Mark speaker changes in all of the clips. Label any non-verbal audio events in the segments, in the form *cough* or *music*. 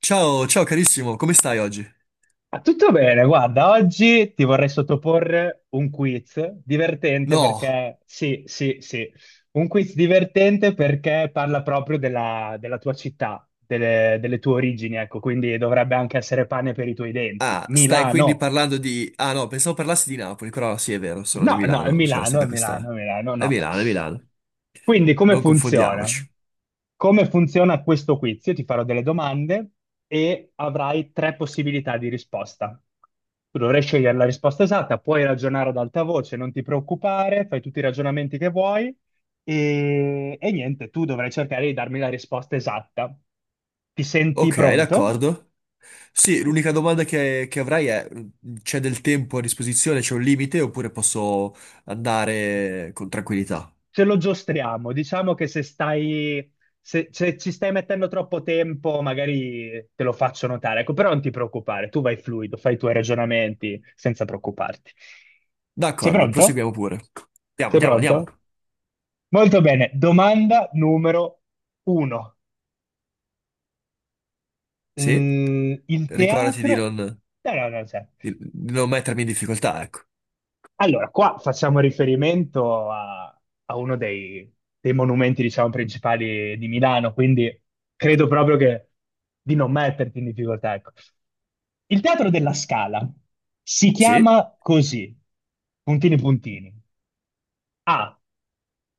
Speaker 1: Ciao, ciao carissimo, come stai oggi?
Speaker 2: Ah, tutto bene, guarda, oggi ti vorrei sottoporre un quiz divertente
Speaker 1: No,
Speaker 2: perché, sì, sì, sì, un quiz divertente perché parla proprio della tua città, delle tue origini, ecco, quindi dovrebbe anche essere pane per i tuoi denti.
Speaker 1: ah, stai quindi
Speaker 2: Milano!
Speaker 1: parlando di... Ah no, pensavo parlassi di Napoli, però sì, è vero, sono di
Speaker 2: No, no, è
Speaker 1: Milano, c'era
Speaker 2: Milano, è
Speaker 1: stata
Speaker 2: Milano,
Speaker 1: questa...
Speaker 2: è Milano, no.
Speaker 1: È Milano,
Speaker 2: Quindi come
Speaker 1: non
Speaker 2: funziona?
Speaker 1: confondiamoci.
Speaker 2: Come funziona questo quiz? Io ti farò delle domande e avrai tre possibilità di risposta. Tu dovrai scegliere la risposta esatta, puoi ragionare ad alta voce, non ti preoccupare, fai tutti i ragionamenti che vuoi e niente, tu dovrai cercare di darmi la risposta esatta. Ti senti
Speaker 1: Ok,
Speaker 2: pronto?
Speaker 1: d'accordo. Sì, l'unica domanda che avrai è, c'è del tempo a disposizione, c'è un limite oppure posso andare con tranquillità?
Speaker 2: Ce lo giostriamo. Diciamo che se ci stai mettendo troppo tempo, magari te lo faccio notare. Ecco, però non ti preoccupare, tu vai fluido, fai i tuoi ragionamenti senza preoccuparti. Sei
Speaker 1: D'accordo,
Speaker 2: pronto?
Speaker 1: proseguiamo pure. Andiamo,
Speaker 2: Sei
Speaker 1: andiamo, andiamo.
Speaker 2: pronto? Molto bene. Domanda numero uno.
Speaker 1: Sì,
Speaker 2: Il
Speaker 1: ricordati di
Speaker 2: teatro...
Speaker 1: non,
Speaker 2: No, no, no, c'è.
Speaker 1: di non mettermi in difficoltà, ecco.
Speaker 2: Allora, qua facciamo riferimento a uno dei monumenti, diciamo, principali di Milano, quindi credo proprio che di non metterti in difficoltà, ecco. Il Teatro della Scala si
Speaker 1: Sì.
Speaker 2: chiama così, puntini puntini. A,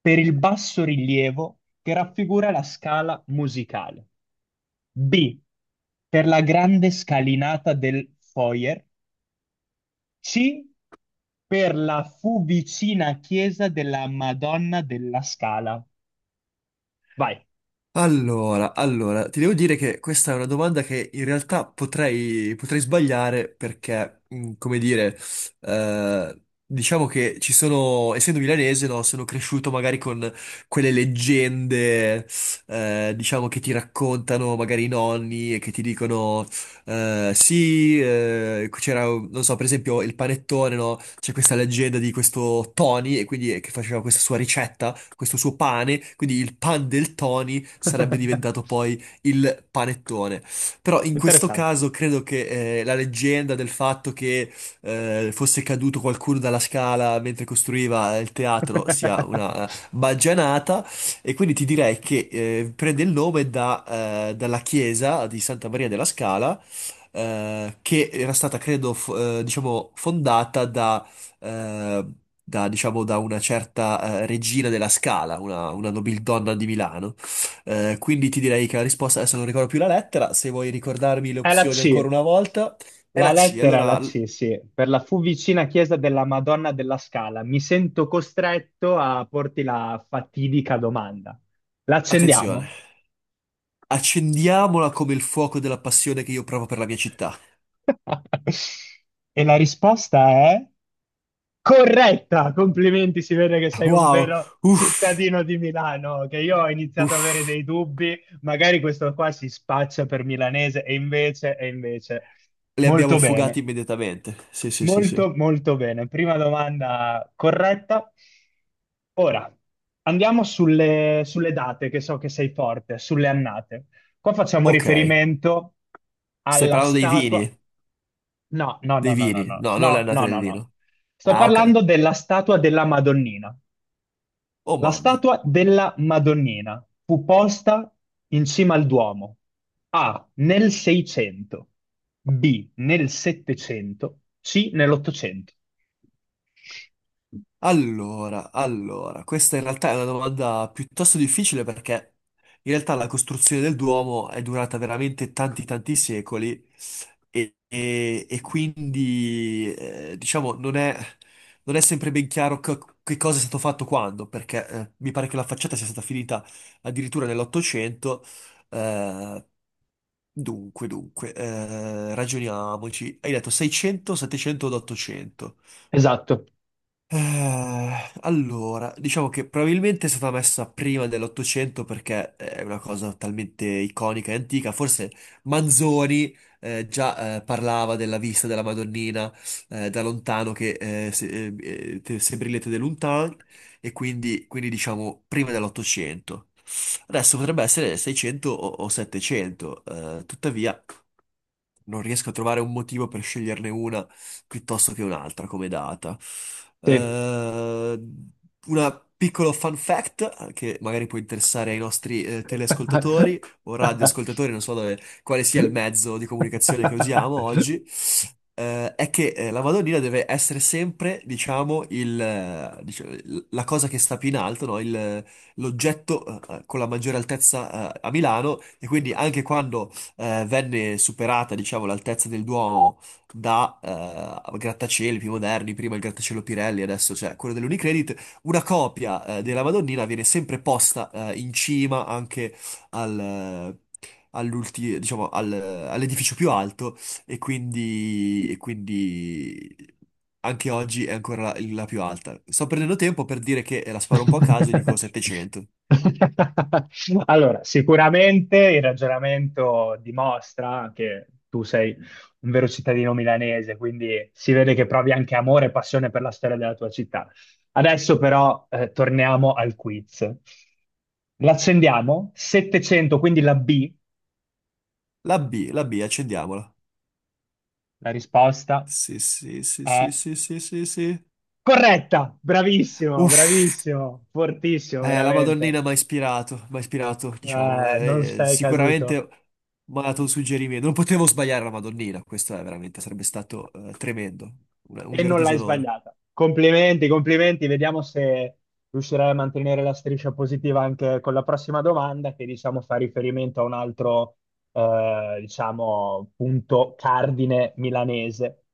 Speaker 2: per il basso rilievo che raffigura la scala musicale. B, per la grande scalinata del foyer. C, per la fu vicina chiesa della Madonna della Scala. Vai.
Speaker 1: Allora, allora, ti devo dire che questa è una domanda che in realtà potrei sbagliare perché, come dire, diciamo che ci sono, essendo milanese, no, sono cresciuto magari con quelle leggende, diciamo, che ti raccontano magari i nonni e che ti dicono sì, c'era, non so, per esempio il panettone, no? C'è questa leggenda di questo Tony, e quindi che faceva questa sua ricetta, questo suo pane, quindi il pan del Tony sarebbe diventato
Speaker 2: *laughs*
Speaker 1: poi il panettone. Però in questo
Speaker 2: Interessante.
Speaker 1: caso credo che la leggenda del fatto che fosse caduto qualcuno dalla scala mentre costruiva il teatro sia
Speaker 2: *laughs*
Speaker 1: una baggianata, e quindi ti direi che prende il nome dalla chiesa di Santa Maria della Scala, che era stata, credo, diciamo, eh, da, diciamo, da una certa regina della Scala, una nobildonna di Milano. Quindi ti direi che la risposta, adesso non ricordo più la lettera, se vuoi ricordarmi le
Speaker 2: È la
Speaker 1: opzioni ancora
Speaker 2: C.
Speaker 1: una volta, è
Speaker 2: La
Speaker 1: la C.
Speaker 2: lettera è la
Speaker 1: Allora,
Speaker 2: C, sì. Per la fu vicina chiesa della Madonna della Scala. Mi sento costretto a porti la fatidica domanda.
Speaker 1: attenzione,
Speaker 2: L'accendiamo?
Speaker 1: accendiamola come il fuoco della passione che io provo per la mia città.
Speaker 2: *laughs* E la risposta è... corretta, complimenti, si vede che sei un
Speaker 1: Wow,
Speaker 2: vero
Speaker 1: uff,
Speaker 2: cittadino di Milano, che io ho iniziato ad avere
Speaker 1: uff,
Speaker 2: dei dubbi, magari questo qua si spaccia per milanese e invece, e invece.
Speaker 1: le abbiamo
Speaker 2: Molto
Speaker 1: fugate
Speaker 2: bene,
Speaker 1: immediatamente. Sì, sì, sì, sì.
Speaker 2: molto molto bene. Prima domanda corretta. Ora, andiamo sulle date, che so che sei forte, sulle annate. Qua facciamo
Speaker 1: Ok,
Speaker 2: riferimento
Speaker 1: stai
Speaker 2: alla
Speaker 1: parlando dei
Speaker 2: statua.
Speaker 1: vini.
Speaker 2: No, no, no,
Speaker 1: Dei
Speaker 2: no, no,
Speaker 1: vini?
Speaker 2: no,
Speaker 1: No, non le
Speaker 2: no,
Speaker 1: annate
Speaker 2: no,
Speaker 1: del
Speaker 2: no, no.
Speaker 1: vino.
Speaker 2: Sto
Speaker 1: Ah, ok.
Speaker 2: parlando della statua della Madonnina.
Speaker 1: Oh
Speaker 2: La
Speaker 1: mamma.
Speaker 2: statua della Madonnina fu posta in cima al Duomo. A, nel 600, B, nel 700, C, nell'Ottocento.
Speaker 1: Allora, allora, questa in realtà è una domanda piuttosto difficile perché in realtà la costruzione del Duomo è durata veramente tanti tanti secoli e quindi non è sempre ben chiaro che cosa è stato fatto quando, perché mi pare che la facciata sia stata finita addirittura nell'Ottocento. eh, Dunque, dunque, ragioniamoci. Hai detto 600, 700 ed 800.
Speaker 2: Esatto,
Speaker 1: Allora, diciamo che probabilmente è stata messa prima dell'Ottocento perché è una cosa talmente iconica e antica. Forse Manzoni già parlava della vista della Madonnina da lontano che eh, se, eh, se brillete de lontan, e quindi, quindi diciamo prima dell'Ottocento. Adesso potrebbe essere 600 o 700, tuttavia non riesco a trovare un motivo per sceglierne una piuttosto che un'altra come data.
Speaker 2: sì.
Speaker 1: Eh, una piccolo fun fact che magari può interessare ai nostri teleascoltatori o radioascoltatori, non so quale sia il mezzo di comunicazione che usiamo
Speaker 2: *laughs*
Speaker 1: oggi, è che la Madonnina deve essere sempre, diciamo, diciamo, la cosa che sta più in alto, no? L'oggetto con la maggiore altezza a Milano, e quindi anche quando venne superata, diciamo, l'altezza del Duomo da grattacieli più moderni, prima il grattacielo Pirelli, adesso c'è quello dell'Unicredit, una copia della Madonnina viene sempre posta in cima anche al, eh, diciamo, all'edificio più alto, e quindi anche oggi è ancora la più alta. Sto prendendo tempo per dire che la sparo un po' a caso e dico
Speaker 2: *laughs*
Speaker 1: 700.
Speaker 2: Allora, sicuramente il ragionamento dimostra che tu sei un vero cittadino milanese, quindi si vede che provi anche amore e passione per la storia della tua città. Adesso però torniamo al quiz. L'accendiamo? 700, quindi la B,
Speaker 1: La B, accendiamola.
Speaker 2: la risposta
Speaker 1: Sì, sì, sì, sì,
Speaker 2: è
Speaker 1: sì, sì, sì, sì.
Speaker 2: corretta. Bravissimo,
Speaker 1: Uff.
Speaker 2: bravissimo, fortissimo,
Speaker 1: La
Speaker 2: veramente.
Speaker 1: Madonnina mi ha ispirato, diciamo,
Speaker 2: Non sei caduto.
Speaker 1: sicuramente mi ha dato un suggerimento. Non potevo sbagliare la Madonnina, questo è veramente, sarebbe stato tremendo, un
Speaker 2: E
Speaker 1: vero
Speaker 2: non l'hai
Speaker 1: disonore.
Speaker 2: sbagliata. Complimenti, complimenti. Vediamo se riuscirai a mantenere la striscia positiva anche con la prossima domanda, che diciamo fa riferimento a un altro, diciamo, punto cardine milanese.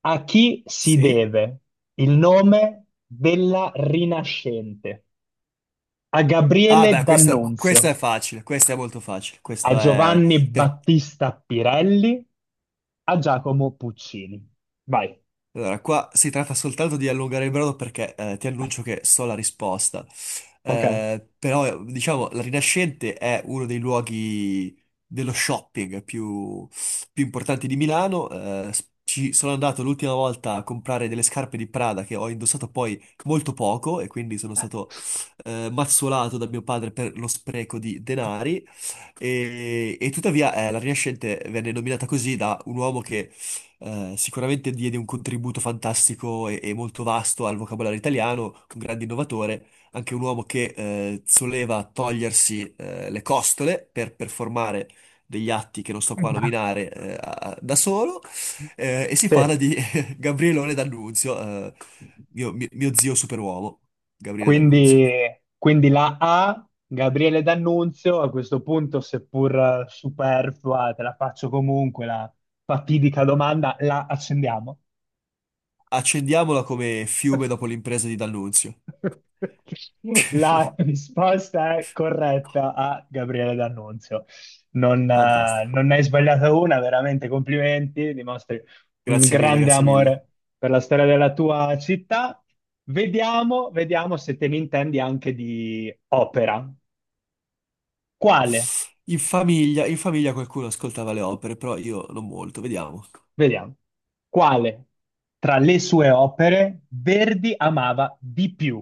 Speaker 2: A chi si
Speaker 1: Sì?
Speaker 2: deve il nome della Rinascente? A
Speaker 1: Ah,
Speaker 2: Gabriele
Speaker 1: beh, questa
Speaker 2: D'Annunzio,
Speaker 1: è facile, questa è molto facile,
Speaker 2: a Giovanni
Speaker 1: per,
Speaker 2: Battista Pirelli, a Giacomo Puccini. Vai.
Speaker 1: Allora, qua si tratta soltanto di allungare il brodo perché ti annuncio che so la risposta.
Speaker 2: Ok.
Speaker 1: Però, diciamo, la Rinascente è uno dei luoghi dello shopping più, più importanti di Milano. Ci sono andato l'ultima volta a comprare delle scarpe di Prada che ho indossato poi molto poco e quindi sono stato mazzolato da mio padre per lo spreco di denari. E tuttavia la Rinascente venne nominata così da un uomo che sicuramente diede un contributo fantastico e molto vasto al vocabolario italiano, un grande innovatore, anche un uomo che soleva togliersi le costole per performare degli atti che non sto qua a
Speaker 2: *laughs*
Speaker 1: nominare da solo, e si parla
Speaker 2: Sì.
Speaker 1: di *laughs* Gabrielone D'Annunzio, mio zio superuomo, Gabriele D'Annunzio.
Speaker 2: Quindi, quindi la A, Gabriele D'Annunzio, a questo punto, seppur superflua, te la faccio comunque la fatidica domanda, la accendiamo.
Speaker 1: Accendiamola come fiume dopo l'impresa di D'Annunzio.
Speaker 2: La
Speaker 1: *laughs*
Speaker 2: risposta è corretta, a Gabriele D'Annunzio. Non, eh,
Speaker 1: Fantastico.
Speaker 2: non ne hai sbagliata una, veramente complimenti, dimostri un
Speaker 1: Grazie mille,
Speaker 2: grande
Speaker 1: grazie mille.
Speaker 2: amore per la storia della tua città. Vediamo, vediamo se te ne intendi anche di opera. Quale?
Speaker 1: In famiglia qualcuno ascoltava le opere, però io non molto, vediamo.
Speaker 2: Vediamo. Quale tra le sue opere Verdi amava di più?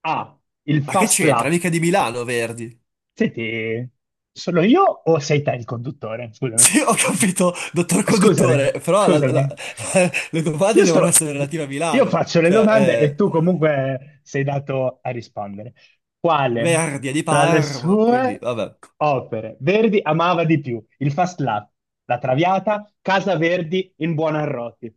Speaker 2: A, il
Speaker 1: Ma che
Speaker 2: Fast
Speaker 1: c'entra?
Speaker 2: Lap.
Speaker 1: Mica di Milano, Verdi. *laughs*
Speaker 2: Senti, sono io o sei te il conduttore? Scusami.
Speaker 1: Sì, ho capito, dottor
Speaker 2: Scusami,
Speaker 1: conduttore, però
Speaker 2: scusami.
Speaker 1: *laughs* le domande
Speaker 2: Io
Speaker 1: devono
Speaker 2: sto,
Speaker 1: essere relative a
Speaker 2: io
Speaker 1: Milano.
Speaker 2: faccio le domande e tu comunque sei dato a rispondere. Quale
Speaker 1: Verdi è di
Speaker 2: tra le
Speaker 1: Parma, quindi
Speaker 2: sue
Speaker 1: vabbè.
Speaker 2: opere Verdi amava di più? Il Fast Lap, La Traviata, Casa Verdi in Buonarroti.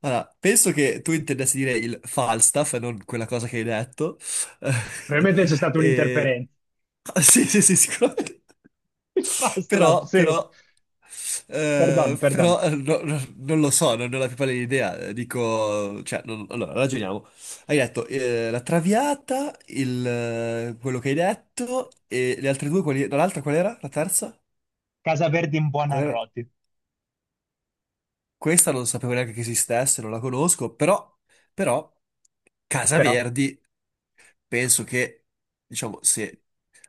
Speaker 1: Allora, penso che tu intendessi dire il Falstaff, e non quella cosa che hai detto.
Speaker 2: Probabilmente c'è
Speaker 1: *laughs*
Speaker 2: stata
Speaker 1: Eh,
Speaker 2: un'interferenza.
Speaker 1: sì, sì, sì, sicuramente.
Speaker 2: *laughs* Il Fast Lap,
Speaker 1: Però,
Speaker 2: sì.
Speaker 1: però,
Speaker 2: Perdon, perdon.
Speaker 1: non lo so, non ne ho la più pallida idea. Dico, allora, ragioniamo. Hai detto la Traviata, quello che hai detto, e le altre due, quali, no, l'altra qual era? La terza?
Speaker 2: Casa Verdi in
Speaker 1: Qual era?
Speaker 2: Buonarroti.
Speaker 1: Questa non sapevo neanche che esistesse, non la conosco, però, però, Casa
Speaker 2: Però
Speaker 1: Verdi. Penso che, diciamo, se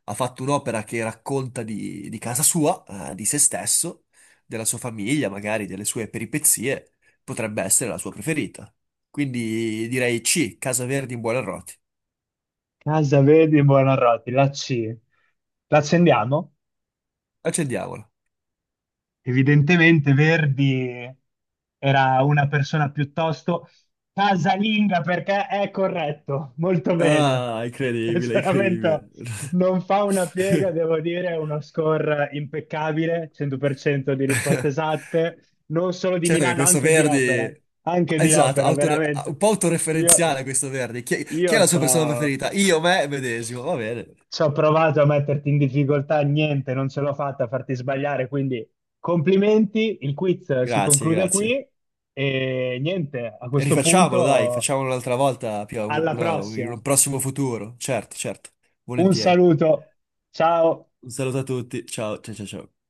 Speaker 1: ha fatto un'opera che racconta di casa sua, di se stesso, della sua famiglia, magari delle sue peripezie, potrebbe essere la sua preferita. Quindi direi C, Casa Verdi in Buonarroti.
Speaker 2: Casa Verde di Buonarroti, la C. L'accendiamo?
Speaker 1: Accendiamola.
Speaker 2: Evidentemente Verdi era una persona piuttosto casalinga perché è corretto, molto bene.
Speaker 1: Ah, incredibile,
Speaker 2: Pensionamento
Speaker 1: incredibile.
Speaker 2: non fa una piega,
Speaker 1: *laughs*
Speaker 2: devo dire, è uno score impeccabile, 100% di risposte esatte, non solo di
Speaker 1: Certo che
Speaker 2: Milano,
Speaker 1: questo Verdi...
Speaker 2: anche di
Speaker 1: Esatto,
Speaker 2: opera,
Speaker 1: un
Speaker 2: veramente.
Speaker 1: po'
Speaker 2: Io,
Speaker 1: autoreferenziale questo Verdi. Chi
Speaker 2: io
Speaker 1: chi è la sua persona
Speaker 2: c'ho...
Speaker 1: preferita? Io, me, medesimo. Va bene.
Speaker 2: Ci ho provato a metterti in difficoltà, niente, non ce l'ho fatta a farti sbagliare, quindi complimenti, il quiz si
Speaker 1: Grazie,
Speaker 2: conclude
Speaker 1: grazie.
Speaker 2: qui e niente, a questo
Speaker 1: Rifacciamolo, dai,
Speaker 2: punto
Speaker 1: facciamolo un'altra volta, Pio,
Speaker 2: alla
Speaker 1: in
Speaker 2: prossima.
Speaker 1: un prossimo futuro. Certo, certo,
Speaker 2: Un
Speaker 1: volentieri.
Speaker 2: saluto, ciao.
Speaker 1: Un saluto a tutti, ciao, ciao, ciao, ciao.